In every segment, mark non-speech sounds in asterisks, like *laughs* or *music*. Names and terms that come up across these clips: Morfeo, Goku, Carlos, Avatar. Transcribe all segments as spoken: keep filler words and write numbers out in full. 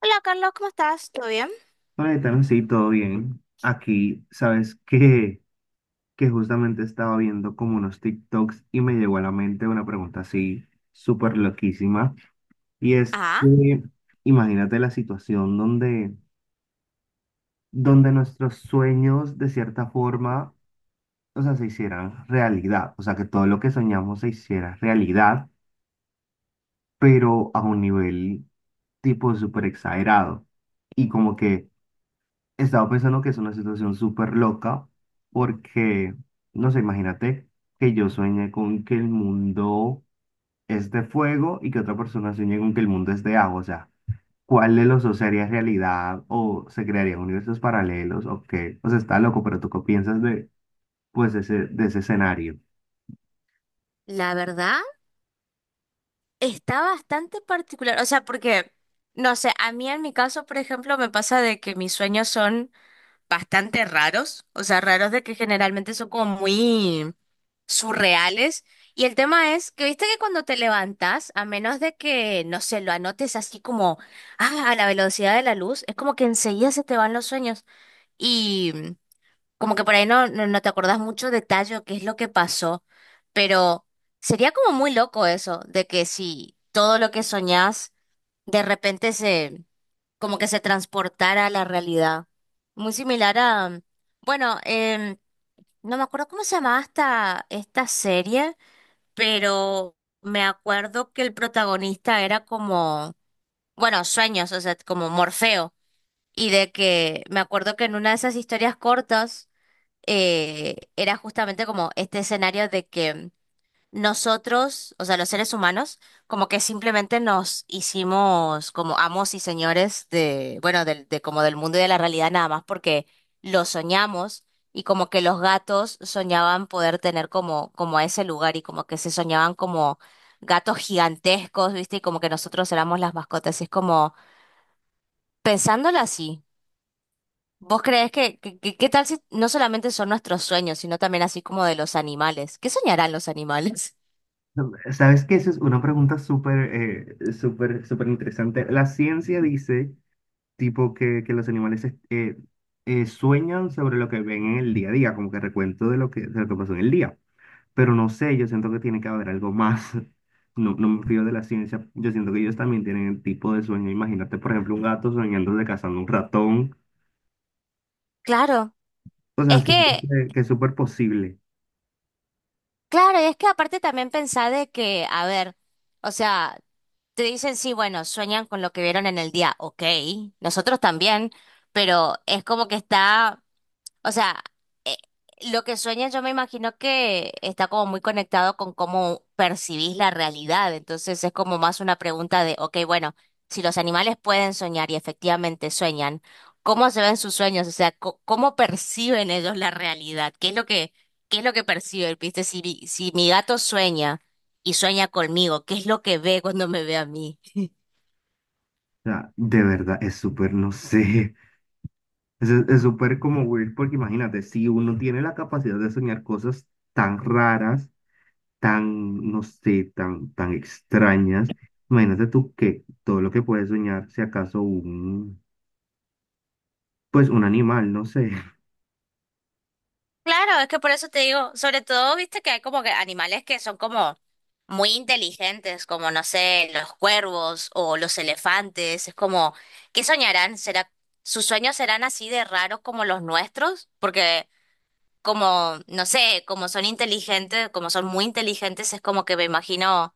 Hola Carlos, ¿cómo estás? ¿Todo bien? Vale, también sí, todo bien. Aquí, sabes que, *laughs* que justamente estaba viendo como unos TikToks y me llegó a la mente una pregunta así súper loquísima. Y es Ah, que imagínate la situación donde, donde nuestros sueños de cierta forma, o sea, se hicieran realidad. O sea, que todo lo que soñamos se hiciera realidad, pero a un nivel tipo súper exagerado. Y como que estaba pensando que es una situación súper loca porque, no sé, imagínate que yo sueñe con que el mundo es de fuego y que otra persona sueñe con que el mundo es de agua. O sea, ¿cuál de los dos sería realidad? ¿O se crearían universos paralelos? ¿O qué? O sea, está loco, pero ¿tú qué piensas de, pues, ese, de ese escenario? la verdad, está bastante particular. O sea, porque, no sé, a mí en mi caso, por ejemplo, me pasa de que mis sueños son bastante raros. O sea, raros de que generalmente son como muy surreales. Y el tema es que, viste que cuando te levantas, a menos de que, no sé, lo anotes así como, ah, a la velocidad de la luz, es como que enseguida se te van los sueños. Y como que por ahí no, no, no te acordás mucho detalle o qué es lo que pasó, pero sería como muy loco eso, de que si todo lo que soñás de repente se, como que se transportara a la realidad. Muy similar a, bueno, em, no me acuerdo cómo se llamaba esta, esta serie, pero me acuerdo que el protagonista era como, bueno, sueños, o sea, como Morfeo. Y de que me acuerdo que en una de esas historias cortas eh, era justamente como este escenario de que nosotros, o sea, los seres humanos, como que simplemente nos hicimos como amos y señores de, bueno, del de como del mundo y de la realidad nada más porque lo soñamos y como que los gatos soñaban poder tener como, como a ese lugar y como que se soñaban como gatos gigantescos, ¿viste? Y como que nosotros éramos las mascotas. Y es como pensándolo así. ¿Vos creés que, que- que- qué tal si no solamente son nuestros sueños, sino también así como de los animales? ¿Qué soñarán los animales? *laughs* No, ¿sabes qué? Esa es una pregunta súper, eh, súper, súper interesante. La ciencia dice tipo que, que los animales es- eh, eh, sueñan sobre lo que ven en el día a día, como que recuento de lo que, de lo que pasó en el día. Pero no sé, yo siento que tiene que haber algo más. *laughs* No, no me fío de la ciencia. Yo siento que ellos también tienen el tipo de sueño. Imagínate, por ejemplo, un gato soñando de cazando un ratón. Claro, O sea, es siento que, que, que es súper posible. claro, es que aparte también pensá de que, a ver, o sea, te dicen sí, bueno, sueñan con lo que vieron en el día, ok, nosotros también, pero es como que está. O sea, eh, lo que sueñas yo me imagino que está como muy conectado con cómo percibís la realidad. Entonces es como más una pregunta de, ok, bueno, si los animales pueden soñar y efectivamente sueñan, ¿cómo se ven sus sueños? O sea, co- ¿cómo perciben ellos la realidad? ¿Qué es lo que, qué es lo que perciben? ¿Viste? Si, mi- si mi gato sueña y sueña conmigo, ¿qué es lo que ve cuando me ve a mí? O sea, de verdad, es súper, no sé. *laughs* Es es súper como weird, porque imagínate, si uno tiene la capacidad de soñar cosas tan raras, tan, no sé, tan, tan extrañas. Imagínate tú que todo lo que puedes soñar, si acaso un, pues un animal, no sé. *laughs* Claro, es que por eso te digo, sobre todo, viste que hay como que animales que son como muy inteligentes, como no sé, los cuervos o los elefantes, es como, ¿qué soñarán? ¿Será, sus sueños serán así de raros como los nuestros? Porque como, no sé, como son inteligentes, como son muy inteligentes, es como que me imagino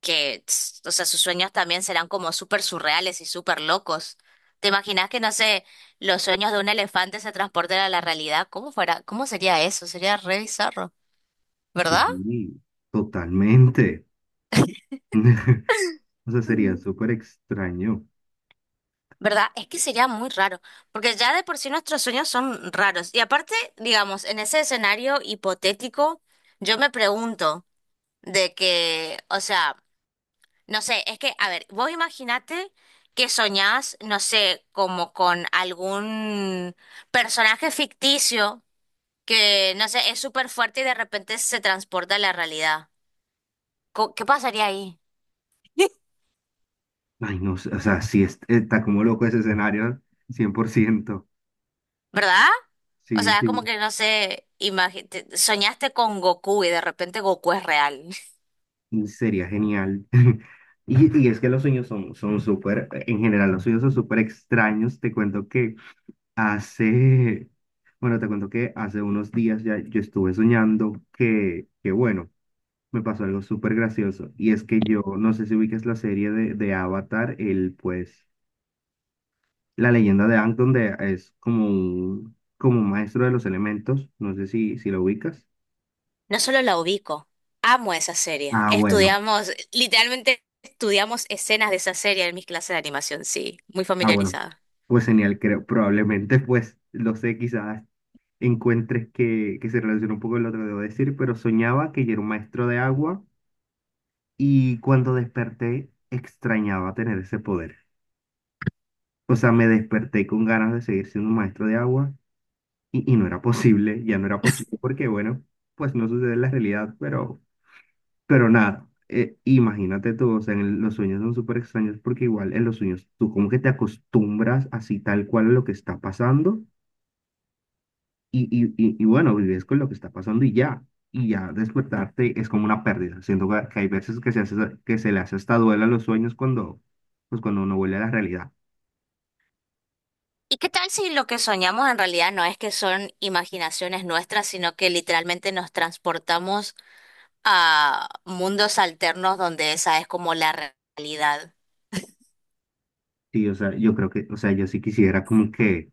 que, tss, o sea, sus sueños también serán como súper surreales y súper locos. ¿Te imaginas que, no sé, los sueños de un elefante se transporten a la realidad? ¿Cómo fuera? ¿Cómo sería eso? Sería re bizarro, ¿verdad? Sí, totalmente. *laughs* O sea, sería Mm. súper extraño. ¿Verdad? Es que sería muy raro, porque ya de por sí nuestros sueños son raros. Y aparte, digamos, en ese escenario hipotético, yo me pregunto de que, o sea, no sé, es que, a ver, vos imaginate que soñás, no sé, como con algún personaje ficticio que, no sé, es súper fuerte y de repente se transporta a la realidad. Co- ¿Qué pasaría ahí? Ay, no sé, o sea, sí es- está como loco ese escenario, cien por ciento. ¿Verdad? O Sí, sea, es como sí, que, no sé, imagi- te- soñaste con Goku y de repente Goku es real. *laughs* y sería genial. *laughs* Y, y es que los sueños son, son súper, en general, los sueños son súper extraños. Te cuento que hace, bueno, te cuento que hace unos días ya yo estuve soñando que, que bueno, me pasó algo súper gracioso. Y es que yo, no sé si ubicas la serie de, de Avatar, el pues, la leyenda de Aang, donde es como un, como un maestro de los elementos. No sé si, si lo ubicas. No solo la ubico, amo esa serie. Ah, bueno, Estudiamos, literalmente estudiamos escenas de esa serie en mis clases de animación, sí, muy ah, bueno. familiarizada. Pues genial, creo, probablemente, pues, lo sé, quizás encuentres que, que se relaciona un poco con lo que debo decir, pero soñaba que yo era un maestro de agua. Y cuando desperté, extrañaba tener ese poder. O sea, me desperté con ganas de seguir siendo un maestro de agua y, y no era posible, ya no era posible porque, bueno, pues no sucede en la realidad, pero, pero nada, eh, imagínate tú, o sea, en el- los sueños son súper extraños porque igual en los sueños tú como que te acostumbras así tal cual a lo que está pasando. Y, y, y, y bueno, vives con lo que está pasando y ya. Y ya despertarte es como una pérdida. Siento que que hay veces que se hace, que se le hace hasta duela a los sueños cuando, pues cuando uno vuelve a la realidad. ¿Y qué tal si lo que soñamos en realidad no es que son imaginaciones nuestras, sino que literalmente nos transportamos a mundos alternos donde esa es como la re- realidad? Sí, o sea, yo creo que, o sea, yo sí quisiera como que,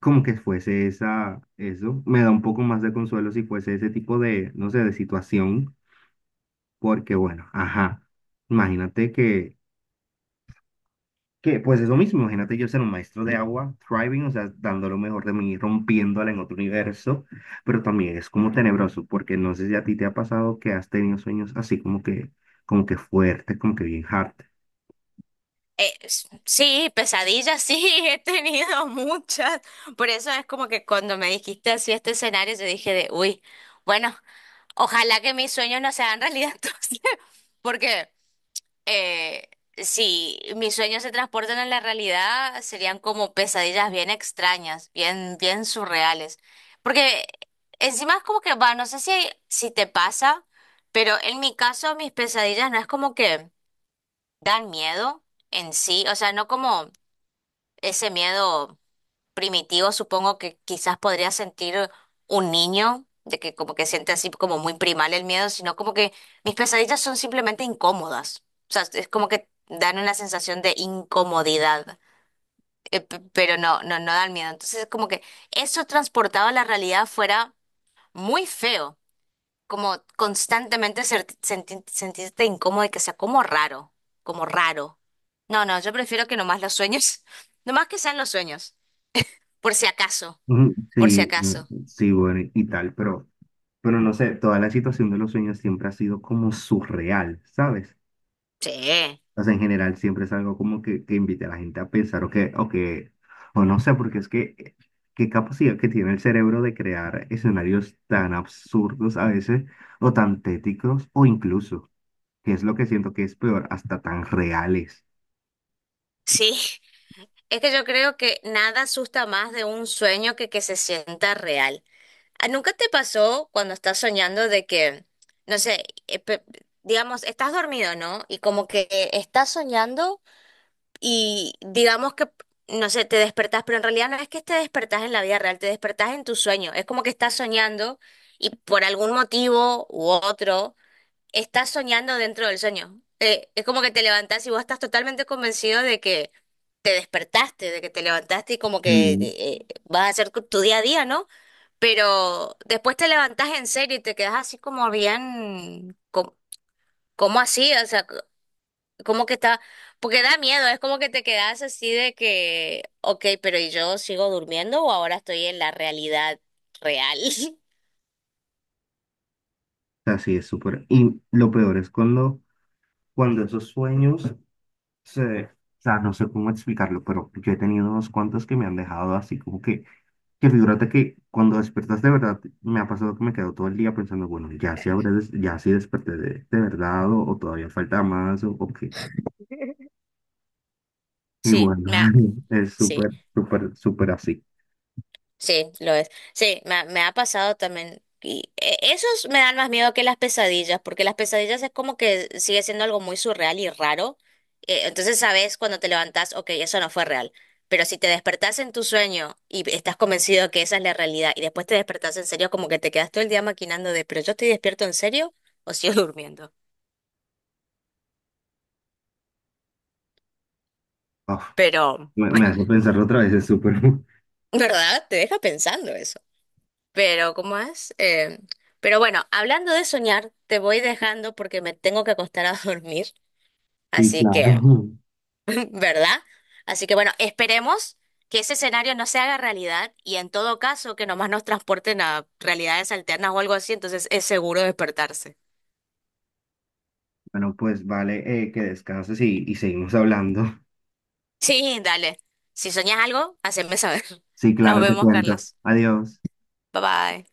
como que fuese esa, eso. Me da un poco más de consuelo si fuese ese tipo de, no sé, de situación. Porque bueno, ajá. Imagínate que Que pues es lo mismo, imagínate yo ser un maestro de agua, thriving, o sea, dando lo mejor de mí, rompiéndola en otro universo, pero también es como tenebroso, porque no sé si a ti te ha pasado que has tenido sueños así como que, como que fuertes, como que bien hard. Eh, s- sí, pesadillas, sí, *laughs* he tenido muchas. Por eso es como que cuando me dijiste así este escenario, yo dije de, uy, bueno, ojalá que mis sueños no sean realidad *laughs* entonces, porque eh, si mis sueños se transportan a la realidad, serían como pesadillas bien extrañas, bien, bien surreales. Porque encima es como que, va, no sé si, si te pasa, pero en mi caso mis pesadillas no es como que dan miedo en sí, o sea, no como ese miedo primitivo, supongo que quizás podría sentir un niño, de que como que siente así como muy primal el miedo, sino como que mis pesadillas son simplemente incómodas. O sea, es como que dan una sensación de incomodidad, eh, p- pero no, no, no dan miedo. Entonces es como que eso transportado a la realidad fuera muy feo, como constantemente ser- senti- sentirte incómodo y que sea como raro, como raro. No, no, yo prefiero que nomás los sueños, *laughs* nomás que sean los sueños, por si acaso Ujú, por si sí, acaso. mm, sí, bueno, y y tal, pero, pero no sé, toda la situación de los sueños siempre ha sido como surreal, ¿sabes? Sí, O sea, en general siempre es algo como que, que invite a la gente a pensar o que, o que, o no sé, porque es que eh, qué capacidad que tiene el cerebro de crear escenarios tan absurdos a veces, o tan tétricos o incluso, que es lo que siento que es peor, hasta tan reales. sí. Es que yo creo que nada asusta más de un sueño que que se sienta real. ¿A- ¿Nunca te pasó cuando estás soñando de que, no sé, eh, pe- digamos, estás dormido, ¿no? Y como que eh, estás soñando y digamos que, no sé, te despertás, pero en realidad no es que te despertás en la vida real, te despertás en tu sueño. Es como que estás soñando y por algún motivo u otro estás soñando dentro del sueño. Eh, es como que te levantás y vos estás totalmente convencido de que te despertaste, de que te levantaste y como que Sí. eh, vas a hacer tu tu día a día, ¿no? Pero después te levantás en serio y te quedás así como bien, como, como así, o sea, co- como que está, porque da miedo, es como que te quedás así de que, ok, pero ¿y yo sigo durmiendo o ahora estoy en la realidad real? *laughs* O sea, sí, es súper. Y lo peor es cuando, cuando esos sueños se... O sea, no sé cómo explicarlo, pero yo he tenido unos cuantos que me han dejado así como que Que figúrate que cuando despertas de verdad, me ha pasado que me quedo todo el día pensando, bueno, ya sí, habré des- ya sí desperté de, de verdad o, o todavía falta más o, o qué. Y Sí, bueno, me ha- *laughs* es sí. súper, súper, súper así. Sí, lo es. Sí, me, ha me ha pasado también. Y eh, esos me dan más miedo que las pesadillas, porque las pesadillas es como que sigue siendo algo muy surreal y raro. Eh, entonces sabes cuando te levantás, ok, eso no fue real. Pero si te despertás en tu sueño y estás convencido que esa es la realidad y después te despertás en serio, como que te quedas todo el día maquinando de, pero yo estoy despierto en serio o sigo *laughs* durmiendo. Uf, Pero, me, me hace pensarlo otra vez, es súper. *laughs* ¿verdad? Te deja pensando eso. Pero, ¿cómo es? Eh, pero bueno, hablando de soñar, te voy dejando porque me tengo que acostar a *laughs* dormir. Sí, Así que, claro. *laughs* ¿verdad? Así que bueno, esperemos que ese escenario no se haga realidad y en todo caso que nomás nos transporten a realidades alternas o algo así, entonces es seguro despertarse. Bueno, pues vale, eh, que descanses y, y seguimos hablando. Sí, dale. Si soñas algo, haceme saber. *laughs* Sí, Nos claro, te vemos, cuento. Carlos. Adiós. Bye bye.